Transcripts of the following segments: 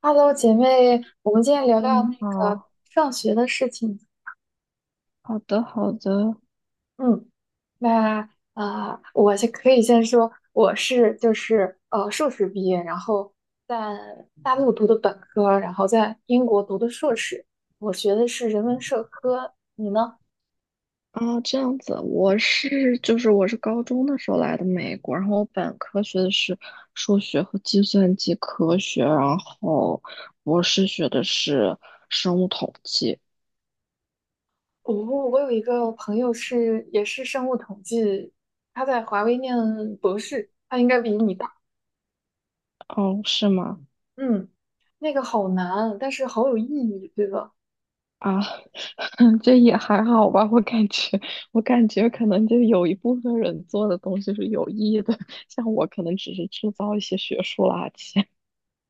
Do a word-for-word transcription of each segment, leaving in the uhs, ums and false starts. Hello，姐妹，我们今天聊聊嗯，那你个好，上学的事情。好的，好的，嗯，那啊、呃我先可以先说，我是就是呃硕士毕业，然后在大陆读的本科，然后在英国读的硕士，我学的是人文社科。你呢？啊，这样子，我是就是我是高中的时候来的美国，然后我本科学的是数学和计算机科学，然后博士学的是生物统计。我、我有一个朋友是也是生物统计，他在华为念博士，他应该比你大。哦，是吗？嗯，那个好难啊，但是好有意义，对吧？啊，这也还好吧，我感觉我感觉可能就有一部分人做的东西是有意义的，像我可能只是制造一些学术垃圾，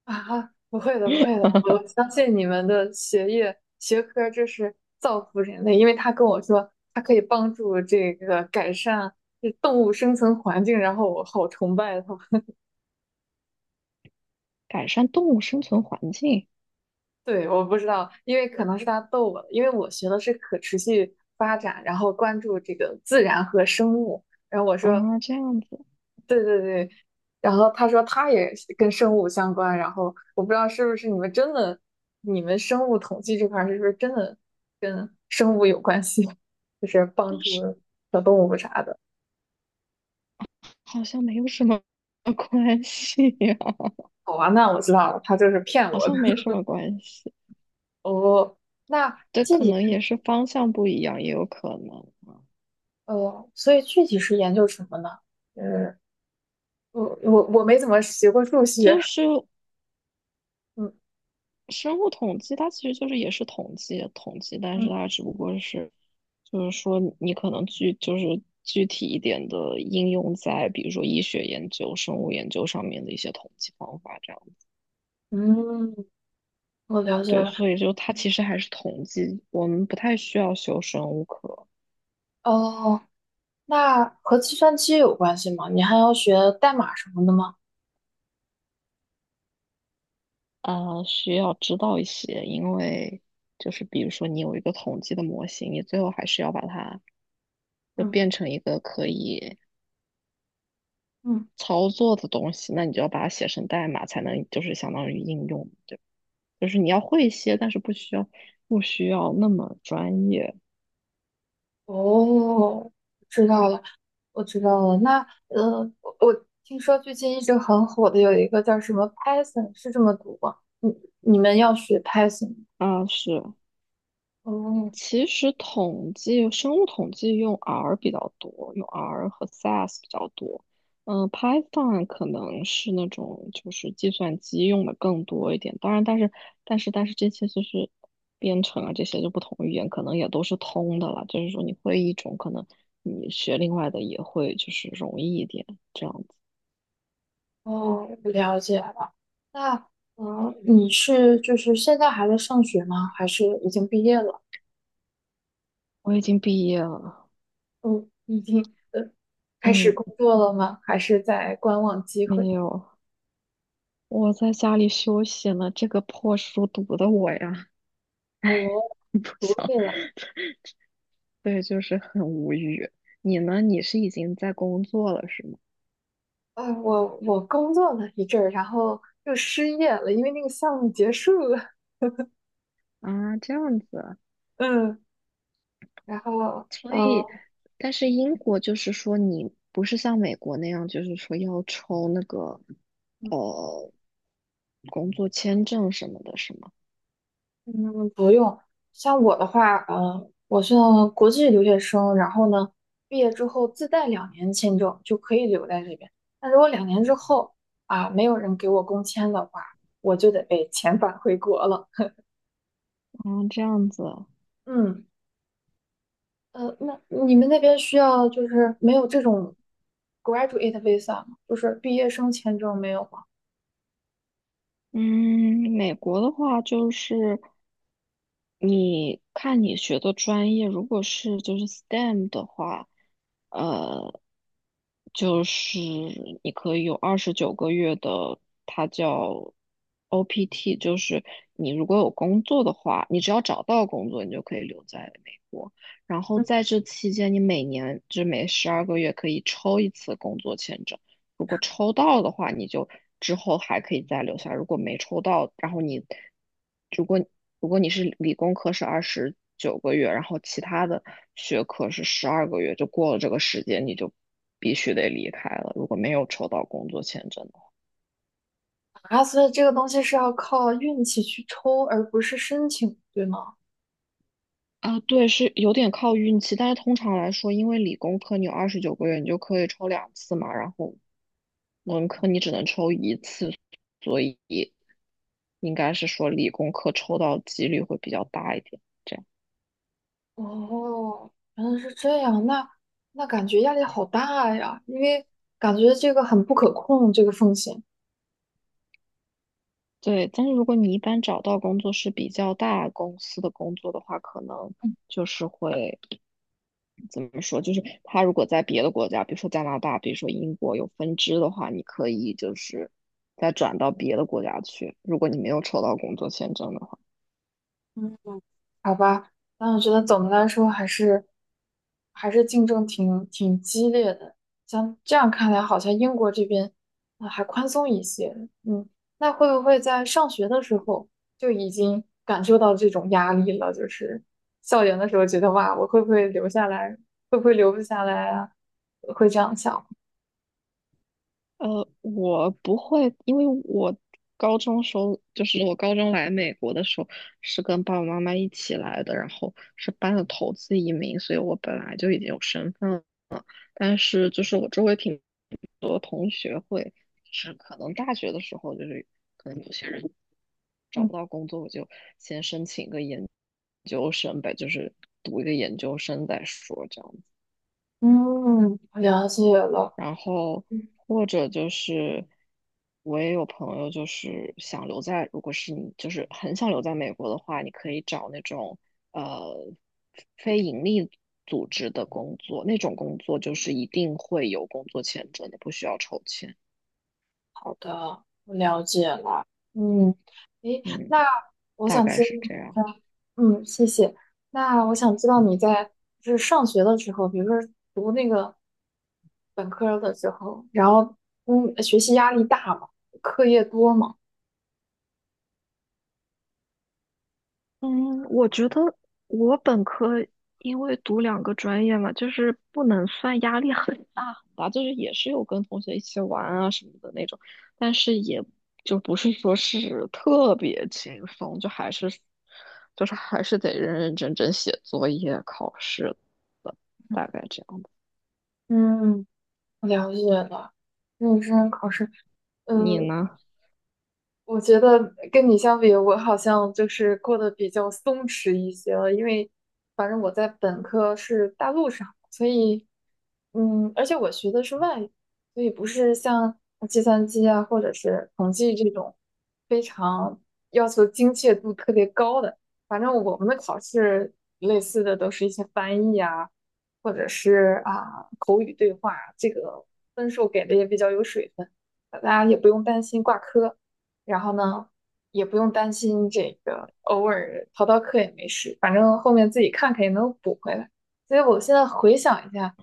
啊，不会的，不会的，我相信你们的学业学科就是造福人类，因为他跟我说他可以帮助这个改善这动物生存环境，然后我好崇拜他。改善动物生存环境。对，我不知道，因为可能是他逗我的，因为我学的是可持续发展，然后关注这个自然和生物，然后我啊，说这样子。对对对，然后他说他也是跟生物相关，然后我不知道是不是你们真的，你们生物统计这块儿是不是真的跟生物有关系，就是帮但助是。小动物啥的。好像没有什么 关系呀、好吧，那我知道了，他就是骗好我的。像没什 么关系。哦，那这具可体能也是方向不一样，也有可能。呃，所以具体是研究什么呢？呃，我我我没怎么学过数学。就是嗯生物统计，它其实就是也是统计统计，但是嗯它只不过是，就是说你可能具就是具体一点的应用在比如说医学研究、生物研究上面的一些统计方法这样。嗯，我了解对，了。所以就它其实还是统计，我们不太需要修生物课。哦，那和计算机有关系吗？你还要学代码什么的吗？呃，需要知道一些，因为就是比如说你有一个统计的模型，你最后还是要把它就嗯变成一个可以嗯，操作的东西，那你就要把它写成代码，才能就是相当于应用，对，就是你要会一些，但是不需要不需要那么专业哦，知道了，我知道了。那呃，我我听说最近一直很火的有一个叫什么 Python，是这么读吗？你你们要学 Python？吗啊，是。哦其实统计生物统计用 R 比较多，用 R 和 S A S 比较多。嗯，Python 可能是那种就是计算机用的更多一点。当然，但是但是但是这些就是编程啊，这些就不同语言可能也都是通的了。就是说你会一种，可能你学另外的也会就是容易一点这样子。哦，我了解了。那呃，你是就是现在还在上学吗？还是已经毕业了？我已经毕业了，嗯，已经呃开始嗯，工作了吗？还是在观望机会？没有，我在家里休息呢。这个破书读的我呀，哦，不独想。立了。对，就是很无语。你呢？你是已经在工作了是吗？啊，我我工作了一阵儿，然后又失业了，因为那个项目结束了。啊，这样子啊。嗯，然后所以，嗯但是英国就是说，你不是像美国那样，就是说要抽那个呃工作签证什么的，是吗？嗯，不用。像我的话，嗯，我是国际留学生，然后呢，毕业之后自带两年签证就可以留在这边。那如果两年之后啊，没有人给我工签的话，我就得被遣返回国了。啊，这样子啊。嗯。呃，那你们那边需要就是没有这种 graduate visa 吗？就是毕业生签证没有吗？嗯，美国的话就是你看你学的专业，如果是就是 S T E M 的话，呃，就是你可以有二十九个月的，它叫 O P T,就是你如果有工作的话，你只要找到工作，你就可以留在美国。然后嗯，在这期间，你每年就每十二个月可以抽一次工作签证。如果抽到的话，你就之后还可以再留下；如果没抽到，然后你如果如果你是理工科是二十九个月，然后其他的学科是十二个月，就过了这个时间，你就必须得离开了。如果没有抽到工作签证，啊，所以这个东西是要靠运气去抽，而不是申请，对吗？啊，对，是有点靠运气，但是通常来说，因为理工科你有二十九个月，你就可以抽两次嘛，然后文科你只能抽一次，所以应该是说理工科抽到几率会比较大一点。这样。哦，原来是这样，那那感觉压力好大呀，因为感觉这个很不可控，这个风险。对，但是如果你一般找到工作是比较大公司的工作的话，可能嗯就是会怎么说？就是他如果在别的国家，比如说加拿大，比如说英国有分支的话，你可以就是再转到别的国家去。如果你没有抽到工作签证的话，嗯。好吧，那我觉得总的来说还是还是竞争挺挺激烈的。像这样看来，好像英国这边啊、呃还宽松一些。嗯，那会不会在上学的时候就已经感受到这种压力了？就是校园的时候觉得哇，我会不会留下来？会不会留不下来啊？会这样想。呃，我不会，因为我高中时候就是我高中来美国的时候是跟爸爸妈妈一起来的，然后是办的投资移民，所以我本来就已经有身份了。但是就是我周围挺多同学会，是可能大学的时候就是可能有些人找嗯不到工作，我就先申请个研究生呗，就是读一个研究生再说这样。嗯，了解了。然后或者就是我也有朋友就是想留在，如果是你就是很想留在美国的话，你可以找那种呃非盈利组织的工作，那种工作就是一定会有工作签证的，不需要抽签。好的，我了解了。嗯，诶，嗯，那我大想概知道，是这样。嗯，谢谢。那我想知道你在就是上学的时候，比如说读那个本科的时候，然后嗯，学习压力大吗？课业多吗？嗯，我觉得我本科因为读两个专业嘛，就是不能算压力很大很大，就是也是有跟同学一起玩啊什么的那种，但是也就不是说是特别轻松，就还是就是还是得认认真真写作业、考试的，大概这样的。嗯，我了解了。认真考试，你呃，呢？我觉得跟你相比，我好像就是过得比较松弛一些了，因为反正我在本科是大陆上，所以嗯，而且我学的是外语，所以不是像计算机啊或者是统计这种非常要求精确度特别高的。反正我们的考试类似的都是一些翻译啊，或者是啊口语对话，这个分数给的也比较有水分，大家也不用担心挂科。然后呢，也不用担心这个偶尔逃逃课也没事，反正后面自己看看也能补回来。所以我现在回想一下，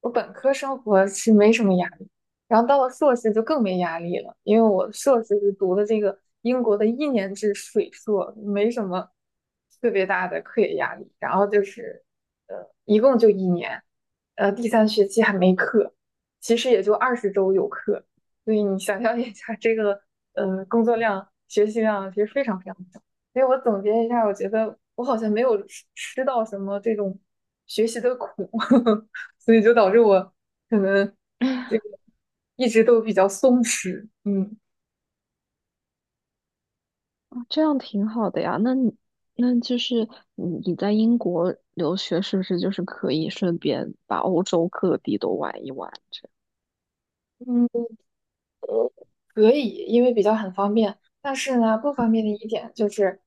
我本科生活是没什么压力，然后到了硕士就更没压力了，因为我硕士是读的这个英国的一年制水硕，没什么特别大的课业压力。然后就是呃，一共就一年，呃，第三学期还没课，其实也就二十周有课。所以你想象一下，这个呃工作量、学习量其实非常非常小。所以我总结一下，我觉得我好像没有吃到什么这种学习的苦，所以就导致我可能 这个一直都比较松弛。嗯这样挺好的呀。那你那就是你你在英国留学，是不是就是可以顺便把欧洲各地都玩一玩？嗯。可以，因为比较很方便。但是呢，不方便的一点就是，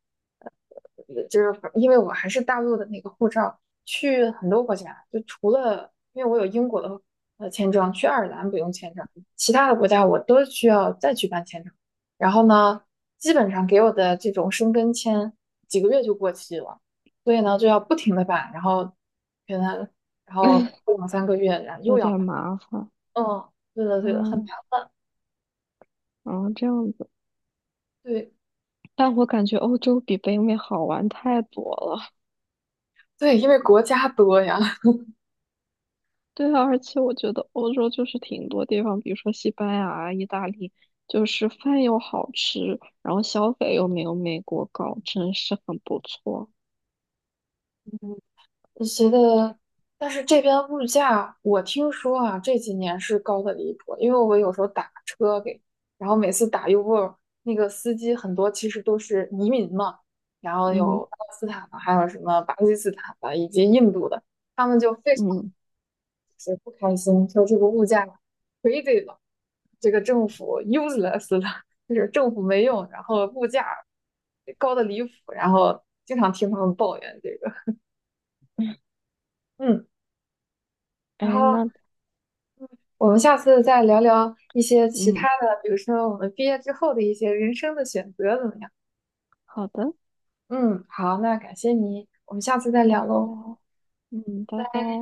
呃，就是因为我还是大陆的那个护照，去很多国家，就除了因为我有英国的呃签证，去爱尔兰不用签证，其他的国家我都需要再去办签证。然后呢，基本上给我的这种申根签几个月就过期了，所以呢就要不停的办，然后可能然后过两三个月，然后又有要点办。麻烦，嗯，对的对的，很嗯，后这样子，对。但我感觉欧洲比北美好玩太多了。对，因为国家多呀。对啊，而且我觉得欧洲就是挺多地方，比如说西班牙啊意大利，就是饭又好吃，然后消费又没有美国高，真是很不错。你觉得，但是这边物价，我听说啊，这几年是高的离谱。因为我有时候打车给，然后每次打 Uber，那个司机很多其实都是移民嘛，然后有嗯巴勒斯坦的，还有什么巴基斯坦的，以及印度的，他们就非常嗯，就是不开心，说这个物价 crazy 了。这个政府 useless 了，就是政府没用，然后物价高的离谱，然后经常听他们抱怨这个。嗯，然哎，后那我们下次再聊聊一些其他嗯，的，比如说我们毕业之后的一些人生的选择怎么样？好的，嗯，好，那感谢你，我们下次再拜聊喽，拜，嗯，拜拜拜。拜。